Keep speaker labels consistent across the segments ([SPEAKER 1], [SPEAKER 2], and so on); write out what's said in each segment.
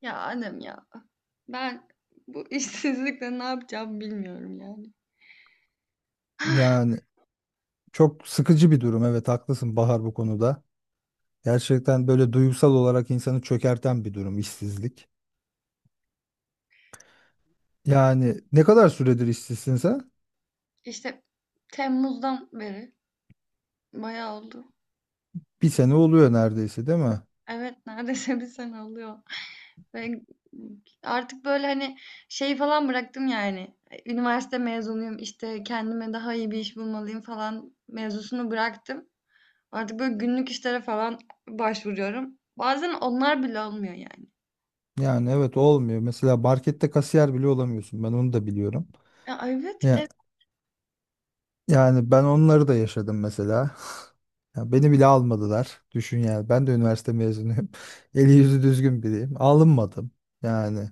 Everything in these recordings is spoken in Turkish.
[SPEAKER 1] Ya annem ya. Ben bu işsizlikle ne yapacağımı bilmiyorum yani.
[SPEAKER 2] Yani çok sıkıcı bir durum. Evet haklısın Bahar bu konuda. Gerçekten böyle duygusal olarak insanı çökerten bir durum işsizlik. Yani ne kadar süredir işsizsin sen?
[SPEAKER 1] İşte Temmuz'dan beri bayağı oldu.
[SPEAKER 2] Bir sene oluyor neredeyse değil mi?
[SPEAKER 1] Evet, neredeyse bir sene oluyor. Ve artık böyle hani şey falan bıraktım yani. Üniversite mezunuyum, işte kendime daha iyi bir iş bulmalıyım falan mevzusunu bıraktım. Artık böyle günlük işlere falan başvuruyorum. Bazen onlar bile olmuyor yani.
[SPEAKER 2] Yani evet olmuyor. Mesela markette kasiyer bile olamıyorsun. Ben onu da biliyorum.
[SPEAKER 1] Ya evet,
[SPEAKER 2] Ya,
[SPEAKER 1] evet.
[SPEAKER 2] yani ben onları da yaşadım mesela. Ya beni bile almadılar. Düşün yani. Ben de üniversite mezunuyum. Eli yüzü düzgün biriyim. Alınmadım. Yani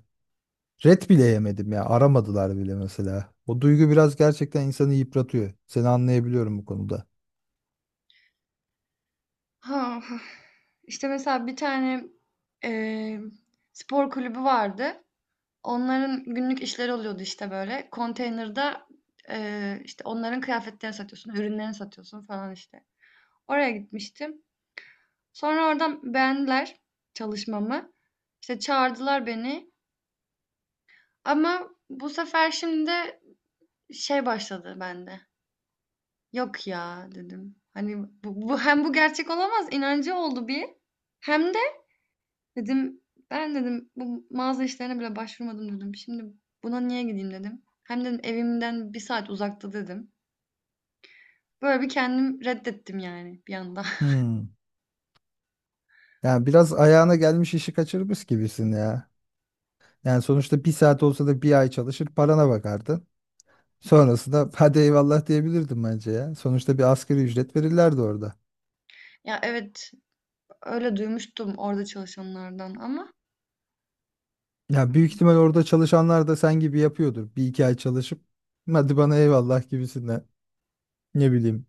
[SPEAKER 2] red bile yemedim ya. Aramadılar bile mesela. O duygu biraz gerçekten insanı yıpratıyor. Seni anlayabiliyorum bu konuda.
[SPEAKER 1] Ha, hah. İşte mesela bir tane, eee, spor kulübü vardı. Onların günlük işleri oluyordu işte böyle. Konteynerda, işte onların kıyafetlerini satıyorsun, ürünlerini satıyorsun falan işte. Oraya gitmiştim. Sonra oradan beğendiler çalışmamı. İşte çağırdılar beni. Ama bu sefer şimdi şey başladı bende. Yok ya dedim. Hani bu hem bu gerçek olamaz inancı oldu bir. Hem de dedim, "Ben" dedim, "bu mağaza işlerine bile başvurmadım." dedim. "Şimdi buna niye gideyim?" dedim. "Hem" dedim, "evimden bir saat uzakta." dedim. Böyle bir kendim reddettim yani bir anda.
[SPEAKER 2] Hmm. Yani biraz ayağına gelmiş işi kaçırmış gibisin ya. Yani sonuçta bir saat olsa da bir ay çalışır parana bakardın. Sonrasında hadi eyvallah diyebilirdim bence ya. Sonuçta bir asgari ücret verirlerdi orada.
[SPEAKER 1] Ya, evet, öyle duymuştum orada çalışanlardan ama
[SPEAKER 2] Ya büyük ihtimal orada çalışanlar da sen gibi yapıyordur. Bir iki ay çalışıp hadi bana eyvallah gibisinden. Ne bileyim.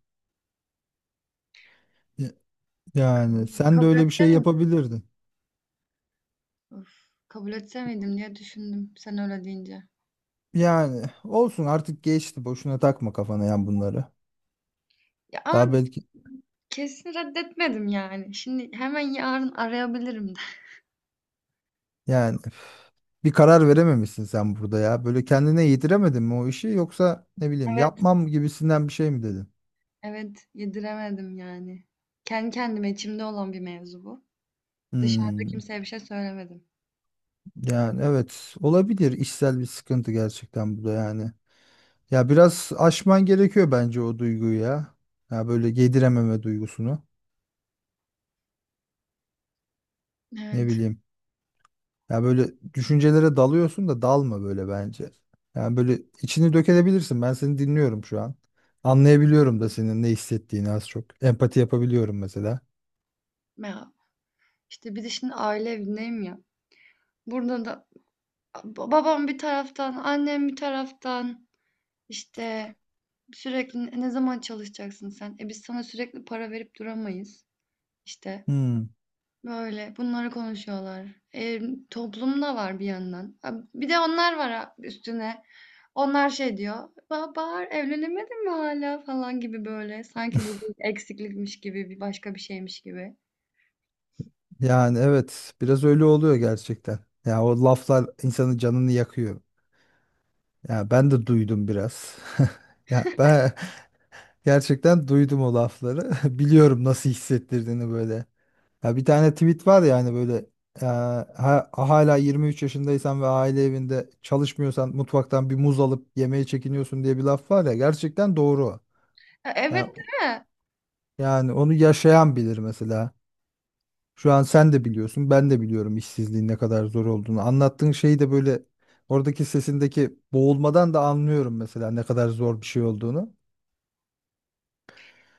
[SPEAKER 2] Ya- Yani sen de
[SPEAKER 1] kabul
[SPEAKER 2] öyle bir
[SPEAKER 1] etse
[SPEAKER 2] şey
[SPEAKER 1] miydim?
[SPEAKER 2] yapabilirdin.
[SPEAKER 1] Of, kabul etse miydim diye düşündüm sen öyle deyince.
[SPEAKER 2] Yani olsun artık geçti. Boşuna takma kafana yani bunları.
[SPEAKER 1] Ya,
[SPEAKER 2] Daha
[SPEAKER 1] ama
[SPEAKER 2] belki
[SPEAKER 1] kesin reddetmedim yani. Şimdi hemen yarın arayabilirim de.
[SPEAKER 2] yani bir karar verememişsin sen burada ya. Böyle kendine yediremedin mi o işi yoksa ne bileyim
[SPEAKER 1] Evet,
[SPEAKER 2] yapmam gibisinden bir şey mi dedin?
[SPEAKER 1] evet, yediremedim yani. Kendi kendime içimde olan bir mevzu bu. Dışarıda
[SPEAKER 2] Hmm,
[SPEAKER 1] kimseye bir şey söylemedim.
[SPEAKER 2] yani evet olabilir işsel bir sıkıntı gerçekten bu da yani. Ya biraz aşman gerekiyor bence o duyguyu ya. Ya böyle yedirememe duygusunu. Ne
[SPEAKER 1] Evet.
[SPEAKER 2] bileyim. Ya böyle düşüncelere dalıyorsun da dalma böyle bence. Yani böyle içini dökebilirsin. Ben seni dinliyorum şu an. Anlayabiliyorum da senin ne hissettiğini az çok. Empati yapabiliyorum mesela.
[SPEAKER 1] Ya, İşte bir de şimdi aile evindeyim ya. Burada da babam bir taraftan, annem bir taraftan işte sürekli "Ne ne zaman çalışacaksın sen? E biz sana sürekli para verip duramayız. İşte
[SPEAKER 2] Hmm.
[SPEAKER 1] böyle bunları konuşuyorlar. E, toplum da var bir yandan. Ha, bir de onlar var ha üstüne. Onlar şey diyor. Bahar evlenemedin mi hala falan gibi böyle. Sanki bu bir eksiklikmiş gibi, bir başka bir şeymiş gibi.
[SPEAKER 2] Yani evet biraz öyle oluyor gerçekten. Ya o laflar insanın canını yakıyor. Ya ben de duydum biraz. Ya ben gerçekten duydum o lafları. Biliyorum nasıl hissettirdiğini böyle. Ya bir tane tweet var ya hani böyle e, hala 23 yaşındaysan ve aile evinde çalışmıyorsan mutfaktan bir muz alıp yemeye çekiniyorsun diye bir laf var ya gerçekten doğru.
[SPEAKER 1] Ya, evet,
[SPEAKER 2] Yani,
[SPEAKER 1] değil mi?
[SPEAKER 2] yani onu yaşayan bilir mesela. Şu an sen de biliyorsun ben de biliyorum işsizliğin ne kadar zor olduğunu. Anlattığın şeyi de böyle oradaki sesindeki boğulmadan da anlıyorum mesela ne kadar zor bir şey olduğunu.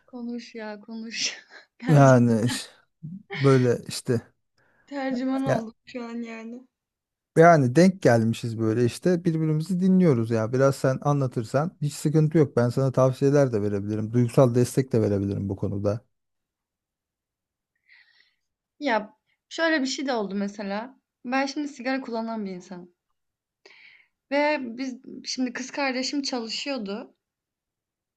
[SPEAKER 1] Konuş ya, konuş. Tercü-
[SPEAKER 2] Yani böyle işte
[SPEAKER 1] Tercüman
[SPEAKER 2] ya,
[SPEAKER 1] oldum şu an yani.
[SPEAKER 2] yani denk gelmişiz böyle işte birbirimizi dinliyoruz ya. Biraz sen anlatırsan hiç sıkıntı yok. Ben sana tavsiyeler de verebilirim. Duygusal destek de verebilirim bu konuda.
[SPEAKER 1] Ya şöyle bir şey de oldu mesela. Ben şimdi sigara kullanan bir insanım. Ve biz şimdi kız kardeşim çalışıyordu.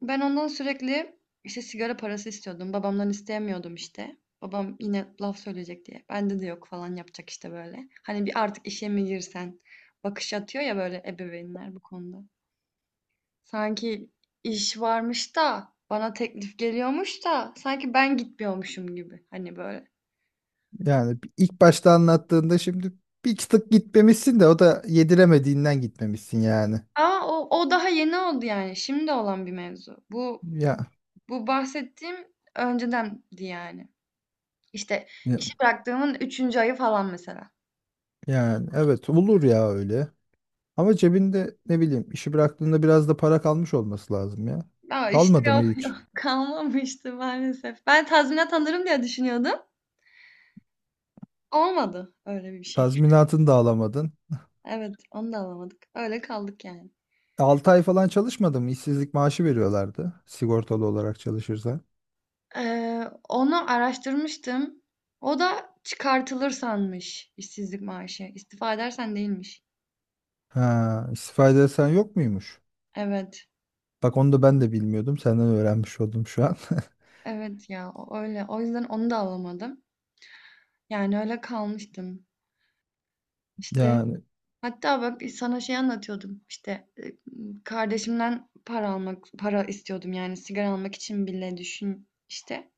[SPEAKER 1] Ben ondan sürekli işte sigara parası istiyordum. Babamdan isteyemiyordum işte. Babam yine laf söyleyecek diye. Bende de yok falan yapacak işte böyle. Hani bir artık işe mi girsen bakış atıyor ya böyle ebeveynler bu konuda. Sanki iş varmış da, bana teklif geliyormuş da sanki ben gitmiyormuşum gibi, hani, böyle.
[SPEAKER 2] Yani ilk başta anlattığında şimdi bir tık gitmemişsin de o da yediremediğinden gitmemişsin yani.
[SPEAKER 1] Ama o daha yeni oldu, yani, şimdi olan bir mevzu. Bu
[SPEAKER 2] Ya,
[SPEAKER 1] bu bahsettiğim öncedendi, yani. İşte,
[SPEAKER 2] ya
[SPEAKER 1] işi bıraktığımın üçüncü ayı falan mesela.
[SPEAKER 2] yani evet olur ya öyle. Ama cebinde ne bileyim işi bıraktığında biraz da para kalmış olması lazım ya.
[SPEAKER 1] Ya, işte,
[SPEAKER 2] Kalmadı mı
[SPEAKER 1] yok, yok,
[SPEAKER 2] hiç?
[SPEAKER 1] kalmamıştı maalesef. Ben tazminat alırım diye düşünüyordum. Olmadı öyle bir şey.
[SPEAKER 2] Tazminatını da alamadın.
[SPEAKER 1] Evet, onu da alamadık. Öyle kaldık, yani.
[SPEAKER 2] 6 ay falan çalışmadım. İşsizlik maaşı veriyorlardı. Sigortalı olarak çalışırsan.
[SPEAKER 1] Onu araştırmıştım. O da çıkartılır sanmış işsizlik maaşı. İstifa edersen değilmiş.
[SPEAKER 2] Ha, istifa edersen yok muymuş?
[SPEAKER 1] Evet.
[SPEAKER 2] Bak onu da ben de bilmiyordum. Senden öğrenmiş oldum şu an.
[SPEAKER 1] Evet ya öyle. O yüzden onu da alamadım. Yani öyle kalmıştım. İşte
[SPEAKER 2] Yani
[SPEAKER 1] hatta bak sana şey anlatıyordum. İşte kardeşimden para almak, para istiyordum yani sigara almak için bile düşün işte.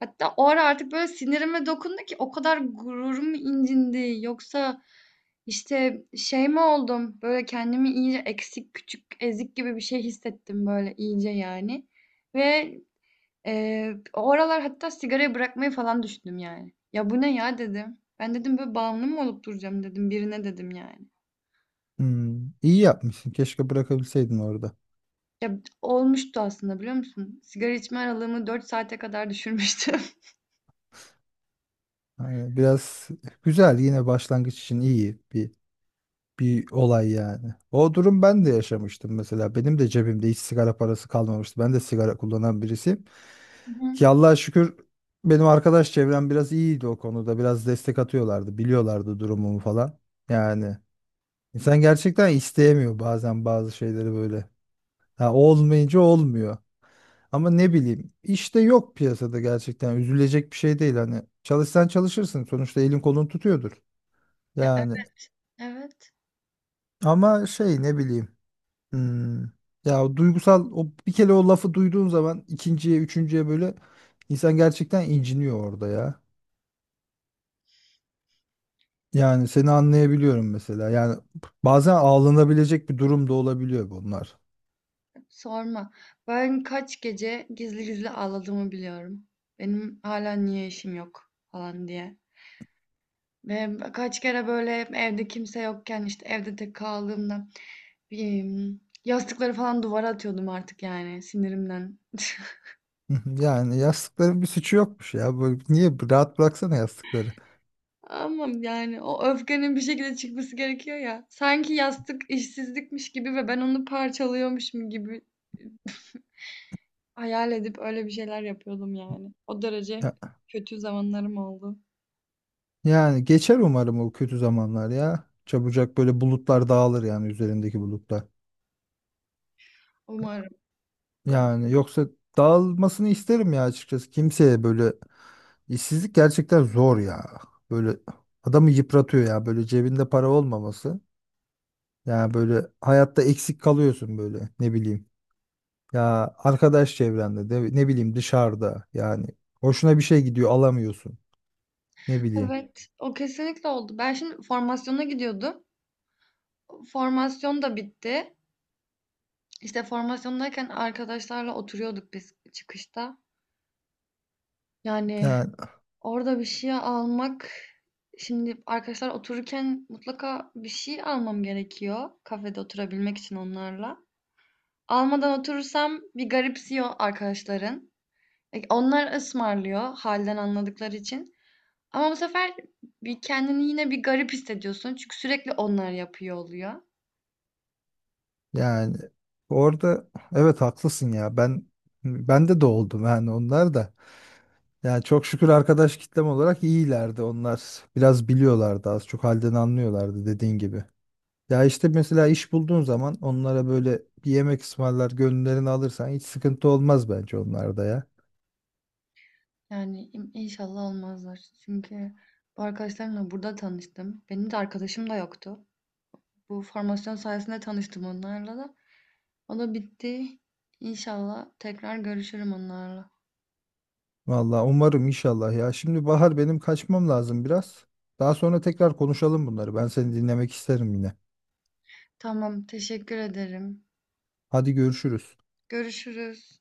[SPEAKER 1] Hatta o ara artık böyle sinirime dokundu ki o kadar gururum incindi. Yoksa İşte şey mi oldum? Böyle kendimi iyice eksik, küçük, ezik gibi bir şey hissettim böyle iyice yani. Ve o aralar hatta sigarayı bırakmayı falan düşündüm yani. Ya bu ne ya dedim. Ben dedim böyle bağımlı mı olup duracağım dedim birine dedim yani.
[SPEAKER 2] hmm, iyi yapmışsın. Keşke bırakabilseydin orada.
[SPEAKER 1] Ya olmuştu aslında biliyor musun? Sigara içme aralığımı 4 saate kadar düşürmüştüm.
[SPEAKER 2] Yani biraz güzel yine başlangıç için iyi bir olay yani. O durum ben de yaşamıştım mesela. Benim de cebimde hiç sigara parası kalmamıştı. Ben de sigara kullanan birisiyim.
[SPEAKER 1] Hı hı.
[SPEAKER 2] Ki Allah'a şükür benim arkadaş çevrem biraz iyiydi o konuda. Biraz destek atıyorlardı. Biliyorlardı durumumu falan. Yani insan gerçekten isteyemiyor bazen bazı şeyleri böyle. Ha, olmayınca olmuyor. Ama ne bileyim işte yok piyasada gerçekten üzülecek bir şey değil hani çalışsan çalışırsın sonuçta elin kolun tutuyordur.
[SPEAKER 1] Ya
[SPEAKER 2] Yani
[SPEAKER 1] evet,
[SPEAKER 2] ama şey ne bileyim. Hmm. Ya o duygusal o bir kere o lafı duyduğun zaman ikinciye, üçüncüye böyle insan gerçekten inciniyor orada ya. Yani seni anlayabiliyorum mesela. Yani bazen ağlanabilecek bir durum da olabiliyor bunlar.
[SPEAKER 1] sorma. Ben kaç gece gizli gizli ağladığımı biliyorum. Benim hala niye işim yok falan diye. Ve kaç kere böyle evde kimse yokken, işte, evde tek kaldığımda, emm, yastıkları falan duvara atıyordum artık yani sinirimden.
[SPEAKER 2] Yani yastıkların bir suçu yokmuş ya. Böyle niye rahat bıraksana yastıkları.
[SPEAKER 1] Ama yani o öfkenin bir şekilde çıkması gerekiyor ya. Sanki yastık işsizlikmiş gibi ve ben onu parçalıyormuşum gibi hayal edip öyle bir şeyler yapıyordum yani. O derece
[SPEAKER 2] Ya-
[SPEAKER 1] kötü zamanlarım oldu.
[SPEAKER 2] yani geçer umarım o kötü zamanlar ya. Çabucak böyle bulutlar dağılır yani üzerindeki bulutlar.
[SPEAKER 1] Umarım.
[SPEAKER 2] Yani yoksa dağılmasını isterim ya açıkçası. Kimseye böyle. İşsizlik gerçekten zor ya. Böyle adamı yıpratıyor ya. Böyle cebinde para olmaması. Ya böyle hayatta eksik kalıyorsun böyle ne bileyim. Ya arkadaş çevrende de ne bileyim dışarıda yani hoşuna bir şey gidiyor alamıyorsun. Ne bileyim.
[SPEAKER 1] Evet, o kesinlikle oldu. Ben şimdi formasyona gidiyordum. Formasyon da bitti. İşte formasyondayken arkadaşlarla oturuyorduk biz çıkışta. Yani
[SPEAKER 2] Yani
[SPEAKER 1] orada bir şey almak, şimdi arkadaşlar otururken mutlaka bir şey almam gerekiyor kafede oturabilmek için onlarla. Almadan oturursam bir garipsiyor arkadaşların. E, onlar ısmarlıyor halden anladıkları için. Ama bu sefer bir kendini yine bir garip hissediyorsun çünkü sürekli onlar yapıyor oluyor.
[SPEAKER 2] yani orada evet haklısın ya. Ben bende de oldum yani onlar da. Yani çok şükür arkadaş kitlem olarak iyilerdi onlar. Biraz biliyorlardı az çok halden anlıyorlardı dediğin gibi. Ya işte mesela iş bulduğun zaman onlara böyle bir yemek ısmarlar, gönüllerini alırsan hiç sıkıntı olmaz bence onlarda ya.
[SPEAKER 1] Yani inşallah olmazlar. Çünkü bu arkadaşlarımla burada tanıştım. Benim de arkadaşım da yoktu. Bu formasyon sayesinde tanıştım onlarla da. O da bitti. İnşallah tekrar görüşürüm onlarla.
[SPEAKER 2] Vallahi umarım inşallah ya. Şimdi Bahar benim kaçmam lazım biraz. Daha sonra tekrar konuşalım bunları. Ben seni dinlemek isterim yine.
[SPEAKER 1] Tamam, teşekkür ederim.
[SPEAKER 2] Hadi görüşürüz.
[SPEAKER 1] Görüşürüz.